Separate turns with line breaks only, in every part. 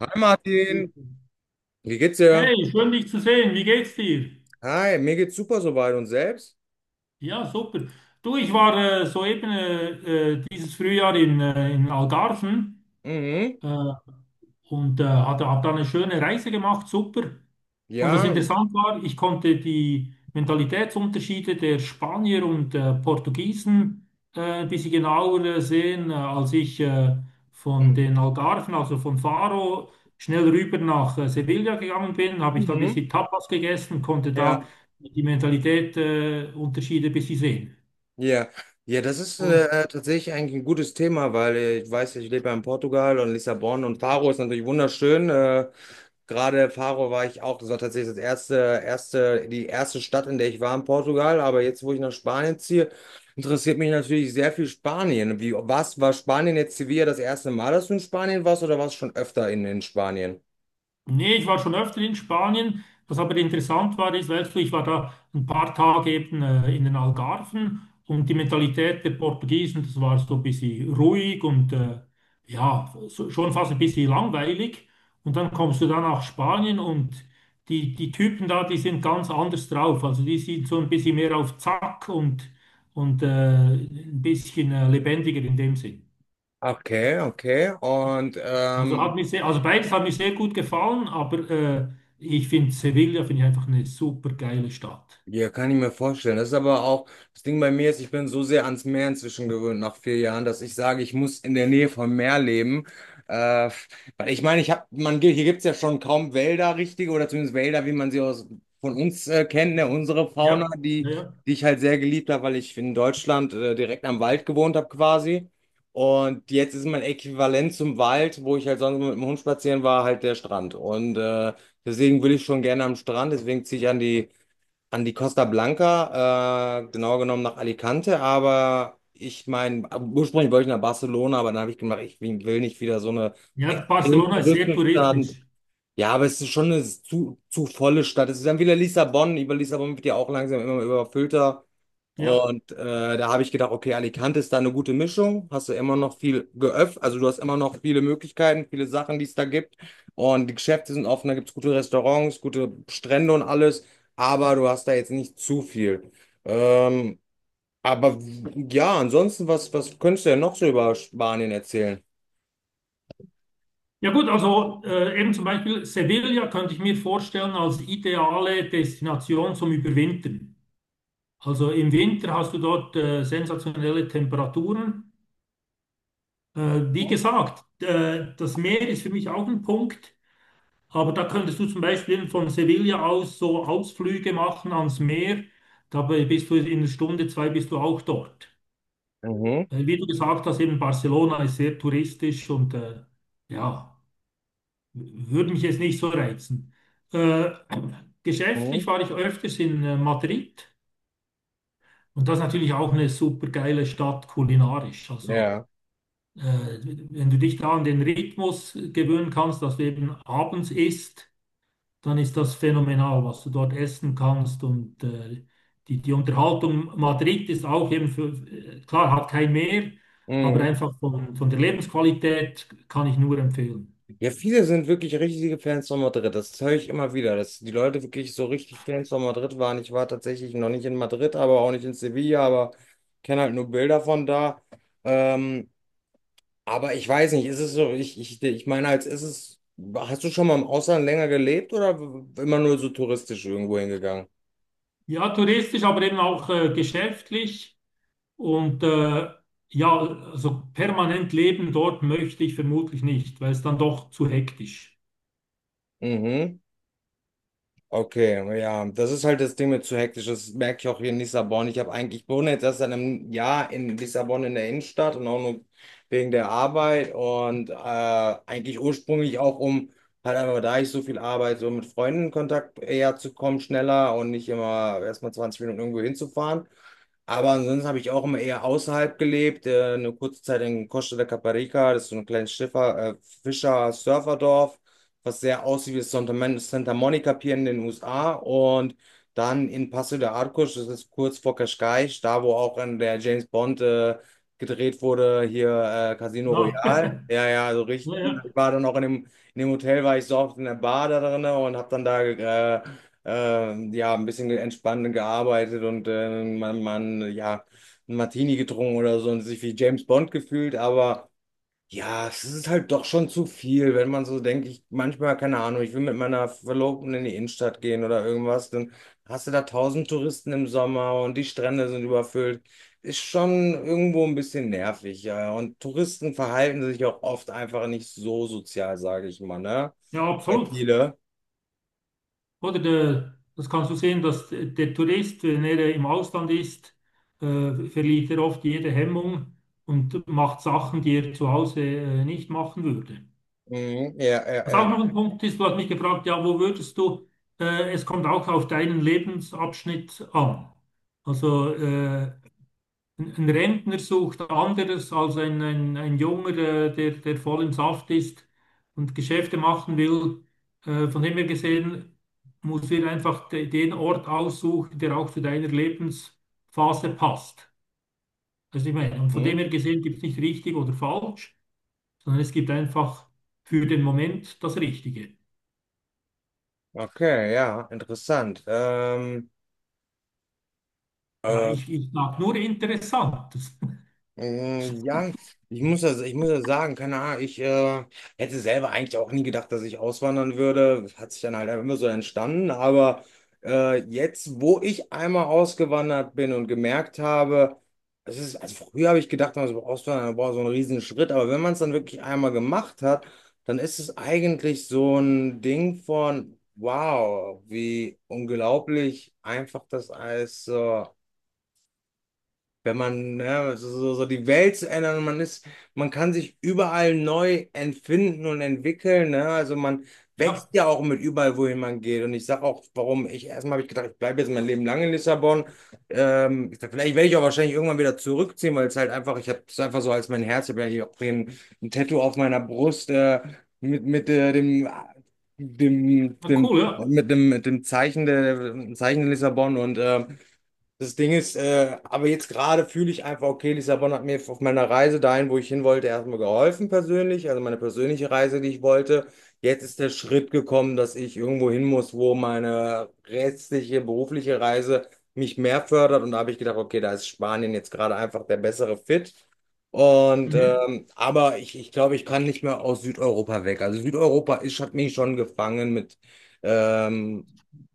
Hi Martin, wie geht's dir?
Hey, schön dich zu sehen. Wie geht's dir?
Hi, mir geht's super soweit und selbst?
Ja, super. Du, ich war soeben dieses Frühjahr in Algarven.
Mhm.
Äh, habe da eine schöne Reise gemacht, super. Und was
Ja.
interessant war, ich konnte die Mentalitätsunterschiede der Spanier und Portugiesen ein bisschen genauer sehen, als ich von den Algarven, also von Faro, schnell rüber nach Sevilla gegangen bin, habe ich da ein
Mhm.
bisschen Tapas gegessen, konnte
Ja.
da die Mentalität Unterschiede ein bisschen sehen.
Ja. Ja, das ist
Und
tatsächlich eigentlich ein gutes Thema, weil ich weiß, ja, ich lebe ja in Portugal und Lissabon und Faro ist natürlich wunderschön. Gerade Faro war ich auch, das war tatsächlich die erste Stadt, in der ich war in Portugal. Aber jetzt, wo ich nach Spanien ziehe, interessiert mich natürlich sehr viel Spanien. Wie, was war Spanien jetzt Sevilla das erste Mal, dass du in Spanien warst oder warst du schon öfter in Spanien?
nee, ich war schon öfter in Spanien. Was aber interessant war, ist, weißt du, ich war da ein paar Tage eben in den Algarven, und die Mentalität der Portugiesen, das war so ein bisschen ruhig und ja, so, schon fast ein bisschen langweilig. Und dann kommst du dann nach Spanien, und die Typen da, die sind ganz anders drauf. Also die sind so ein bisschen mehr auf Zack, und ein bisschen lebendiger in dem Sinn.
Okay, okay. Und
Also hat mich sehr, also beides hat mir sehr gut gefallen, aber ich finde, Sevilla finde ich einfach eine super geile Stadt.
ja, kann ich mir vorstellen. Das ist aber auch, das Ding bei mir ist, ich bin so sehr ans Meer inzwischen gewöhnt nach 4 Jahren, dass ich sage, ich muss in der Nähe vom Meer leben. Äh, Weil ich meine, ich habe, man, hier gibt's ja schon kaum Wälder, richtige, oder zumindest Wälder, wie man sie aus, von uns kennt, ne? Unsere Fauna,
Ja,
die,
ja, ja.
die ich halt sehr geliebt habe, weil ich in Deutschland direkt am Wald gewohnt habe quasi. Und jetzt ist mein Äquivalent zum Wald, wo ich halt sonst mit dem Hund spazieren war, halt der Strand. Und deswegen will ich schon gerne am Strand, deswegen ziehe ich an die Costa Blanca, genauer genommen nach Alicante, aber ich meine, ursprünglich wollte ich nach Barcelona, aber dann habe ich gemerkt, ich will nicht wieder so eine
Ja,
extrem
Barcelona ist sehr
touristische Stadt.
touristisch.
Ja, aber es ist schon eine zu volle Stadt. Es ist dann wieder Lissabon. Über Lissabon wird ja auch langsam immer überfüllter.
Ja.
Und da habe ich gedacht, okay, Alicante ist da eine gute Mischung. Hast du immer noch also du hast immer noch viele Möglichkeiten, viele Sachen, die es da gibt. Und die Geschäfte sind offen, da gibt es gute Restaurants, gute Strände und alles. Aber du hast da jetzt nicht zu viel. Ähm, aber ja, ansonsten, was könntest du denn noch so über Spanien erzählen?
Ja gut, also eben zum Beispiel Sevilla könnte ich mir vorstellen als ideale Destination zum Überwintern. Also im Winter hast du dort sensationelle Temperaturen. Äh, wie gesagt, das Meer ist für mich auch ein Punkt. Aber da könntest du zum Beispiel von Sevilla aus so Ausflüge machen ans Meer. Dabei bist du in einer Stunde, zwei bist du auch dort.
Mhm.
Weil wie du gesagt hast, eben Barcelona ist sehr touristisch und ja, würde mich jetzt nicht so reizen. Äh,
Mhm.
geschäftlich war ich öfters in Madrid, und das ist natürlich auch eine super geile Stadt kulinarisch. Also
Ja.
äh, wenn du dich da an den Rhythmus gewöhnen kannst, dass du eben abends isst, dann ist das phänomenal, was du dort essen kannst. Und die Unterhaltung Madrid ist auch eben für, klar, hat kein Meer, aber
Mhm.
einfach von der Lebensqualität kann ich nur empfehlen.
Ja, viele sind wirklich richtige Fans von Madrid. Das höre ich immer wieder, dass die Leute wirklich so richtig Fans von Madrid waren. Ich war tatsächlich noch nicht in Madrid, aber auch nicht in Sevilla, aber kenne halt nur Bilder von da. Ähm, aber ich weiß nicht, ist es so, ich meine, hast du schon mal im Ausland länger gelebt oder immer nur so touristisch irgendwo hingegangen?
Ja, touristisch, aber eben auch geschäftlich. Und ja, also permanent leben dort möchte ich vermutlich nicht, weil es dann doch zu hektisch.
Mhm. Okay, ja, das ist halt das Ding mit zu hektisch. Das merke ich auch hier in Lissabon. Ich habe eigentlich, ich wohne jetzt erst seit einem Jahr in Lissabon in der Innenstadt und auch nur wegen der Arbeit und eigentlich ursprünglich auch um halt einfach, da ich so viel arbeite, so mit Freunden in Kontakt eher zu kommen, schneller und nicht immer erstmal 20 Minuten irgendwo hinzufahren. Aber ansonsten habe ich auch immer eher außerhalb gelebt. Eine kurze Zeit in Costa de Caparica, das ist so ein kleines Schiffer, Fischer-Surferdorf, was sehr aussieht wie das Santa Monica Pier in den USA. Und dann in Paso de Arcos, das ist kurz vor Cascais, da wo auch in der James Bond gedreht wurde, hier Casino
Ja,
Royale. Ja, ja, also richtig
ja,
cool. Ich
ja,
war dann auch in dem Hotel, war ich so oft in der Bar da drin und habe dann da äh, ja, ein bisschen entspannt gearbeitet und man, ja, ein Martini getrunken oder so und sich wie James Bond gefühlt, aber ja, es ist halt doch schon zu viel, wenn man so denkt, ich manchmal, keine Ahnung, ich will mit meiner Verlobten in die Innenstadt gehen oder irgendwas, dann hast du da tausend Touristen im Sommer und die Strände sind überfüllt. Ist schon irgendwo ein bisschen nervig, ja. Und Touristen verhalten sich auch oft einfach nicht so sozial, sage ich mal, ne?
ja, absolut.
Viele.
Oder der, das kannst du sehen, dass der Tourist, wenn er im Ausland ist, verliert er oft jede Hemmung und macht Sachen, die er zu Hause nicht machen würde.
Mhm. Ja, ja,
Was
ja.
auch noch ein Punkt ist, du hast mich gefragt, ja, wo würdest du, es kommt auch auf deinen Lebensabschnitt an. Also ein Rentner sucht anderes als ein Junger, der voll im Saft ist und Geschäfte machen will. Von dem her gesehen, musst du dir einfach den Ort aussuchen, der auch zu deiner Lebensphase passt. Also ich meine, und von dem
Hm?
her gesehen gibt es nicht richtig oder falsch, sondern es gibt einfach für den Moment das Richtige.
Okay, ja, interessant.
Ja,
Äh,
ich sage nur Interessantes.
ja, ich muss das sagen, keine Ahnung, ich hätte selber eigentlich auch nie gedacht, dass ich auswandern würde. Das hat sich dann halt einfach immer so entstanden. Aber jetzt, wo ich einmal ausgewandert bin und gemerkt habe, es ist, also früher habe ich gedacht, man so auswandern, boah, so ein Riesenschritt. Aber wenn man es dann wirklich einmal gemacht hat, dann ist es eigentlich so ein Ding von, wow, wie unglaublich einfach das alles so. Wenn man, ja, so die Welt zu ändern und man kann sich überall neu entfinden und entwickeln, ne? Also man
Ja,
wächst ja auch mit überall, wohin man geht. Und ich sage auch, warum ich erstmal habe ich gedacht, ich bleibe jetzt mein Leben lang in Lissabon. Ich sag, vielleicht werde ich auch wahrscheinlich irgendwann wieder zurückziehen, weil es halt einfach, ich habe es einfach so als mein Herz, ich habe ja hier auch ein Tattoo auf meiner Brust mit dem,
na
dem,
cool, ja.
mit dem Zeichen der Lissabon und das Ding ist, aber jetzt gerade fühle ich einfach, okay, Lissabon hat mir auf meiner Reise dahin, wo ich hin wollte, erstmal geholfen persönlich, also meine persönliche Reise, die ich wollte. Jetzt ist der Schritt gekommen, dass ich irgendwo hin muss, wo meine restliche berufliche Reise mich mehr fördert. Und da habe ich gedacht, okay, da ist Spanien jetzt gerade einfach der bessere Fit. Und
Mhm.
aber ich glaube, ich kann nicht mehr aus Südeuropa weg. Also Südeuropa ist, hat mich schon gefangen mit ähm,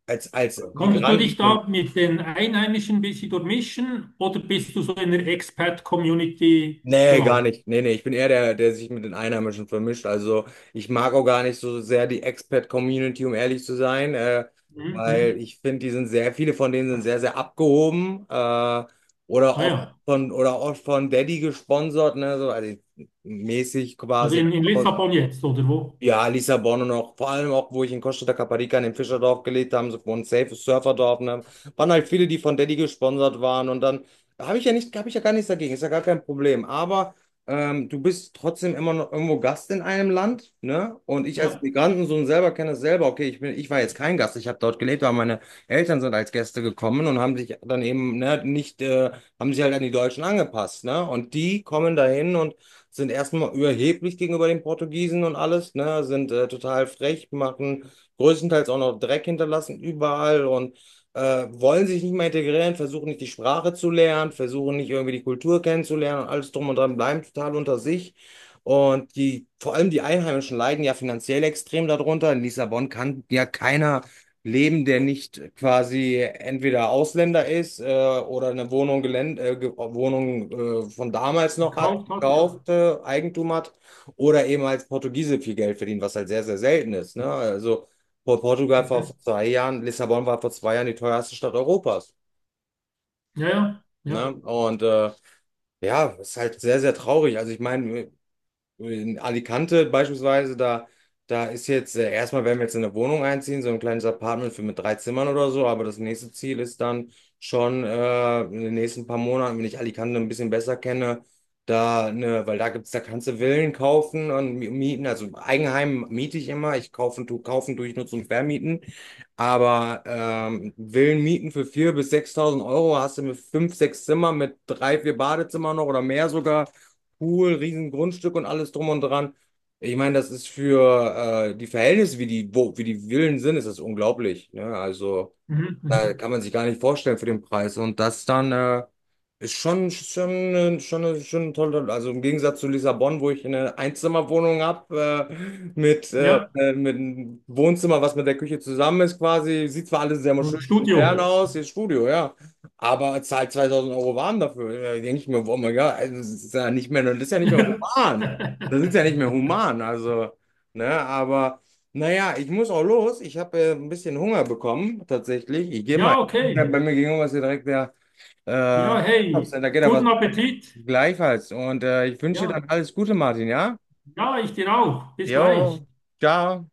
als
Konntest du dich
Migranten.
da mit den Einheimischen ein bisschen durchmischen oder bist du so in der Expat-Community
Nee, gar
gelandet?
nicht. Nee, nee, ich bin eher der, der sich mit den Einheimischen vermischt. Also ich mag auch gar nicht so sehr die Expat-Community, um ehrlich zu sein, weil
Mhm.
ich finde, die sind viele von denen sind sehr, sehr abgehoben oder
Ah
oft
ja,
oder oft von Daddy gesponsert, ne, so also mäßig
also
quasi.
in
Ja,
Lissabon jetzt oder wo?
ja, Lissabon und auch vor allem auch, wo ich in Costa da Caparica in dem Fischerdorf gelebt habe, so ein safe Surferdorf, ne? Waren halt viele, die von Daddy gesponsert waren und dann habe ich ja gar nichts dagegen, ist ja gar kein Problem. Aber du bist trotzdem immer noch irgendwo Gast in einem Land, ne? Und ich als
Ja,
Migrantensohn selber kenne das selber. Okay, ich war jetzt kein Gast, ich habe dort gelebt, aber meine Eltern sind als Gäste gekommen und haben sich dann eben, ne, nicht, haben sich halt an die Deutschen angepasst, ne? Und die kommen dahin und sind erstmal überheblich gegenüber den Portugiesen und alles, ne? Sind total frech, machen größtenteils auch noch Dreck hinterlassen überall und wollen sich nicht mehr integrieren, versuchen nicht die Sprache zu lernen, versuchen nicht irgendwie die Kultur kennenzulernen und alles drum und dran, bleiben total unter sich. Und vor allem die Einheimischen leiden ja finanziell extrem darunter. In Lissabon kann ja keiner leben, der nicht quasi entweder Ausländer ist oder eine Wohnung, Gelände, Wohnung von damals noch hat
gekauft hat, ja.
kaufte, Eigentum hat oder eben als Portugiese viel Geld verdienen, was halt sehr, sehr selten ist. Ne? Also Portugal vor
Mhm.
2 Jahren, Lissabon war vor 2 Jahren die teuerste Stadt Europas.
Ja, ja,
Ne?
ja.
Und ja, ist halt sehr, sehr traurig. Also ich meine, in Alicante beispielsweise, da ist jetzt, erstmal werden wir jetzt in eine Wohnung einziehen, so ein kleines Apartment für mit 3 Zimmern oder so, aber das nächste Ziel ist dann schon in den nächsten paar Monaten, wenn ich Alicante ein bisschen besser kenne, da, ne, weil da gibt's, da kannst du Villen kaufen und mieten, also Eigenheim miete ich immer, ich kaufen tue ich nur zum Vermieten, aber Villen mieten für 4.000 bis 6.000 Euro hast du mit 5, 6 Zimmer, mit 3, 4 Badezimmer noch oder mehr sogar cool, riesen Grundstück und alles drum und dran. Ich meine, das ist für die Verhältnisse, wie die Villen sind, ist das unglaublich. Ne? Also.
Mhm.
Da
Mhm.
kann man sich gar nicht vorstellen für den Preis. Und das dann ist schon toll. Also im Gegensatz zu Lissabon, wo ich eine Einzimmerwohnung habe, mit, äh,
Ja,
äh, mit einem Wohnzimmer, was mit der Küche zusammen ist, quasi. Sieht zwar alles sehr
so ein
schön und
Studio.
modern aus, hier ist Studio, ja. Aber zahlt 2.000 Euro warm dafür. Da denke ich mir, oh mein Gott, also das ist ja nicht mehr human. Das ist ja nicht mehr human. Also, ne, aber. Naja, ich muss auch los. Ich habe ein bisschen Hunger bekommen, tatsächlich. Ich gehe mal.
Ja,
Ja,
okay.
bei mir gegenüber ist hier direkt der äh,
Ja, hey,
Einkaufscenter, da geht ja was
guten Appetit.
gleichfalls. Und ich wünsche dir
Ja,
dann alles Gute, Martin, ja?
ja, ich dir auch. Bis gleich.
Jo, Ciao.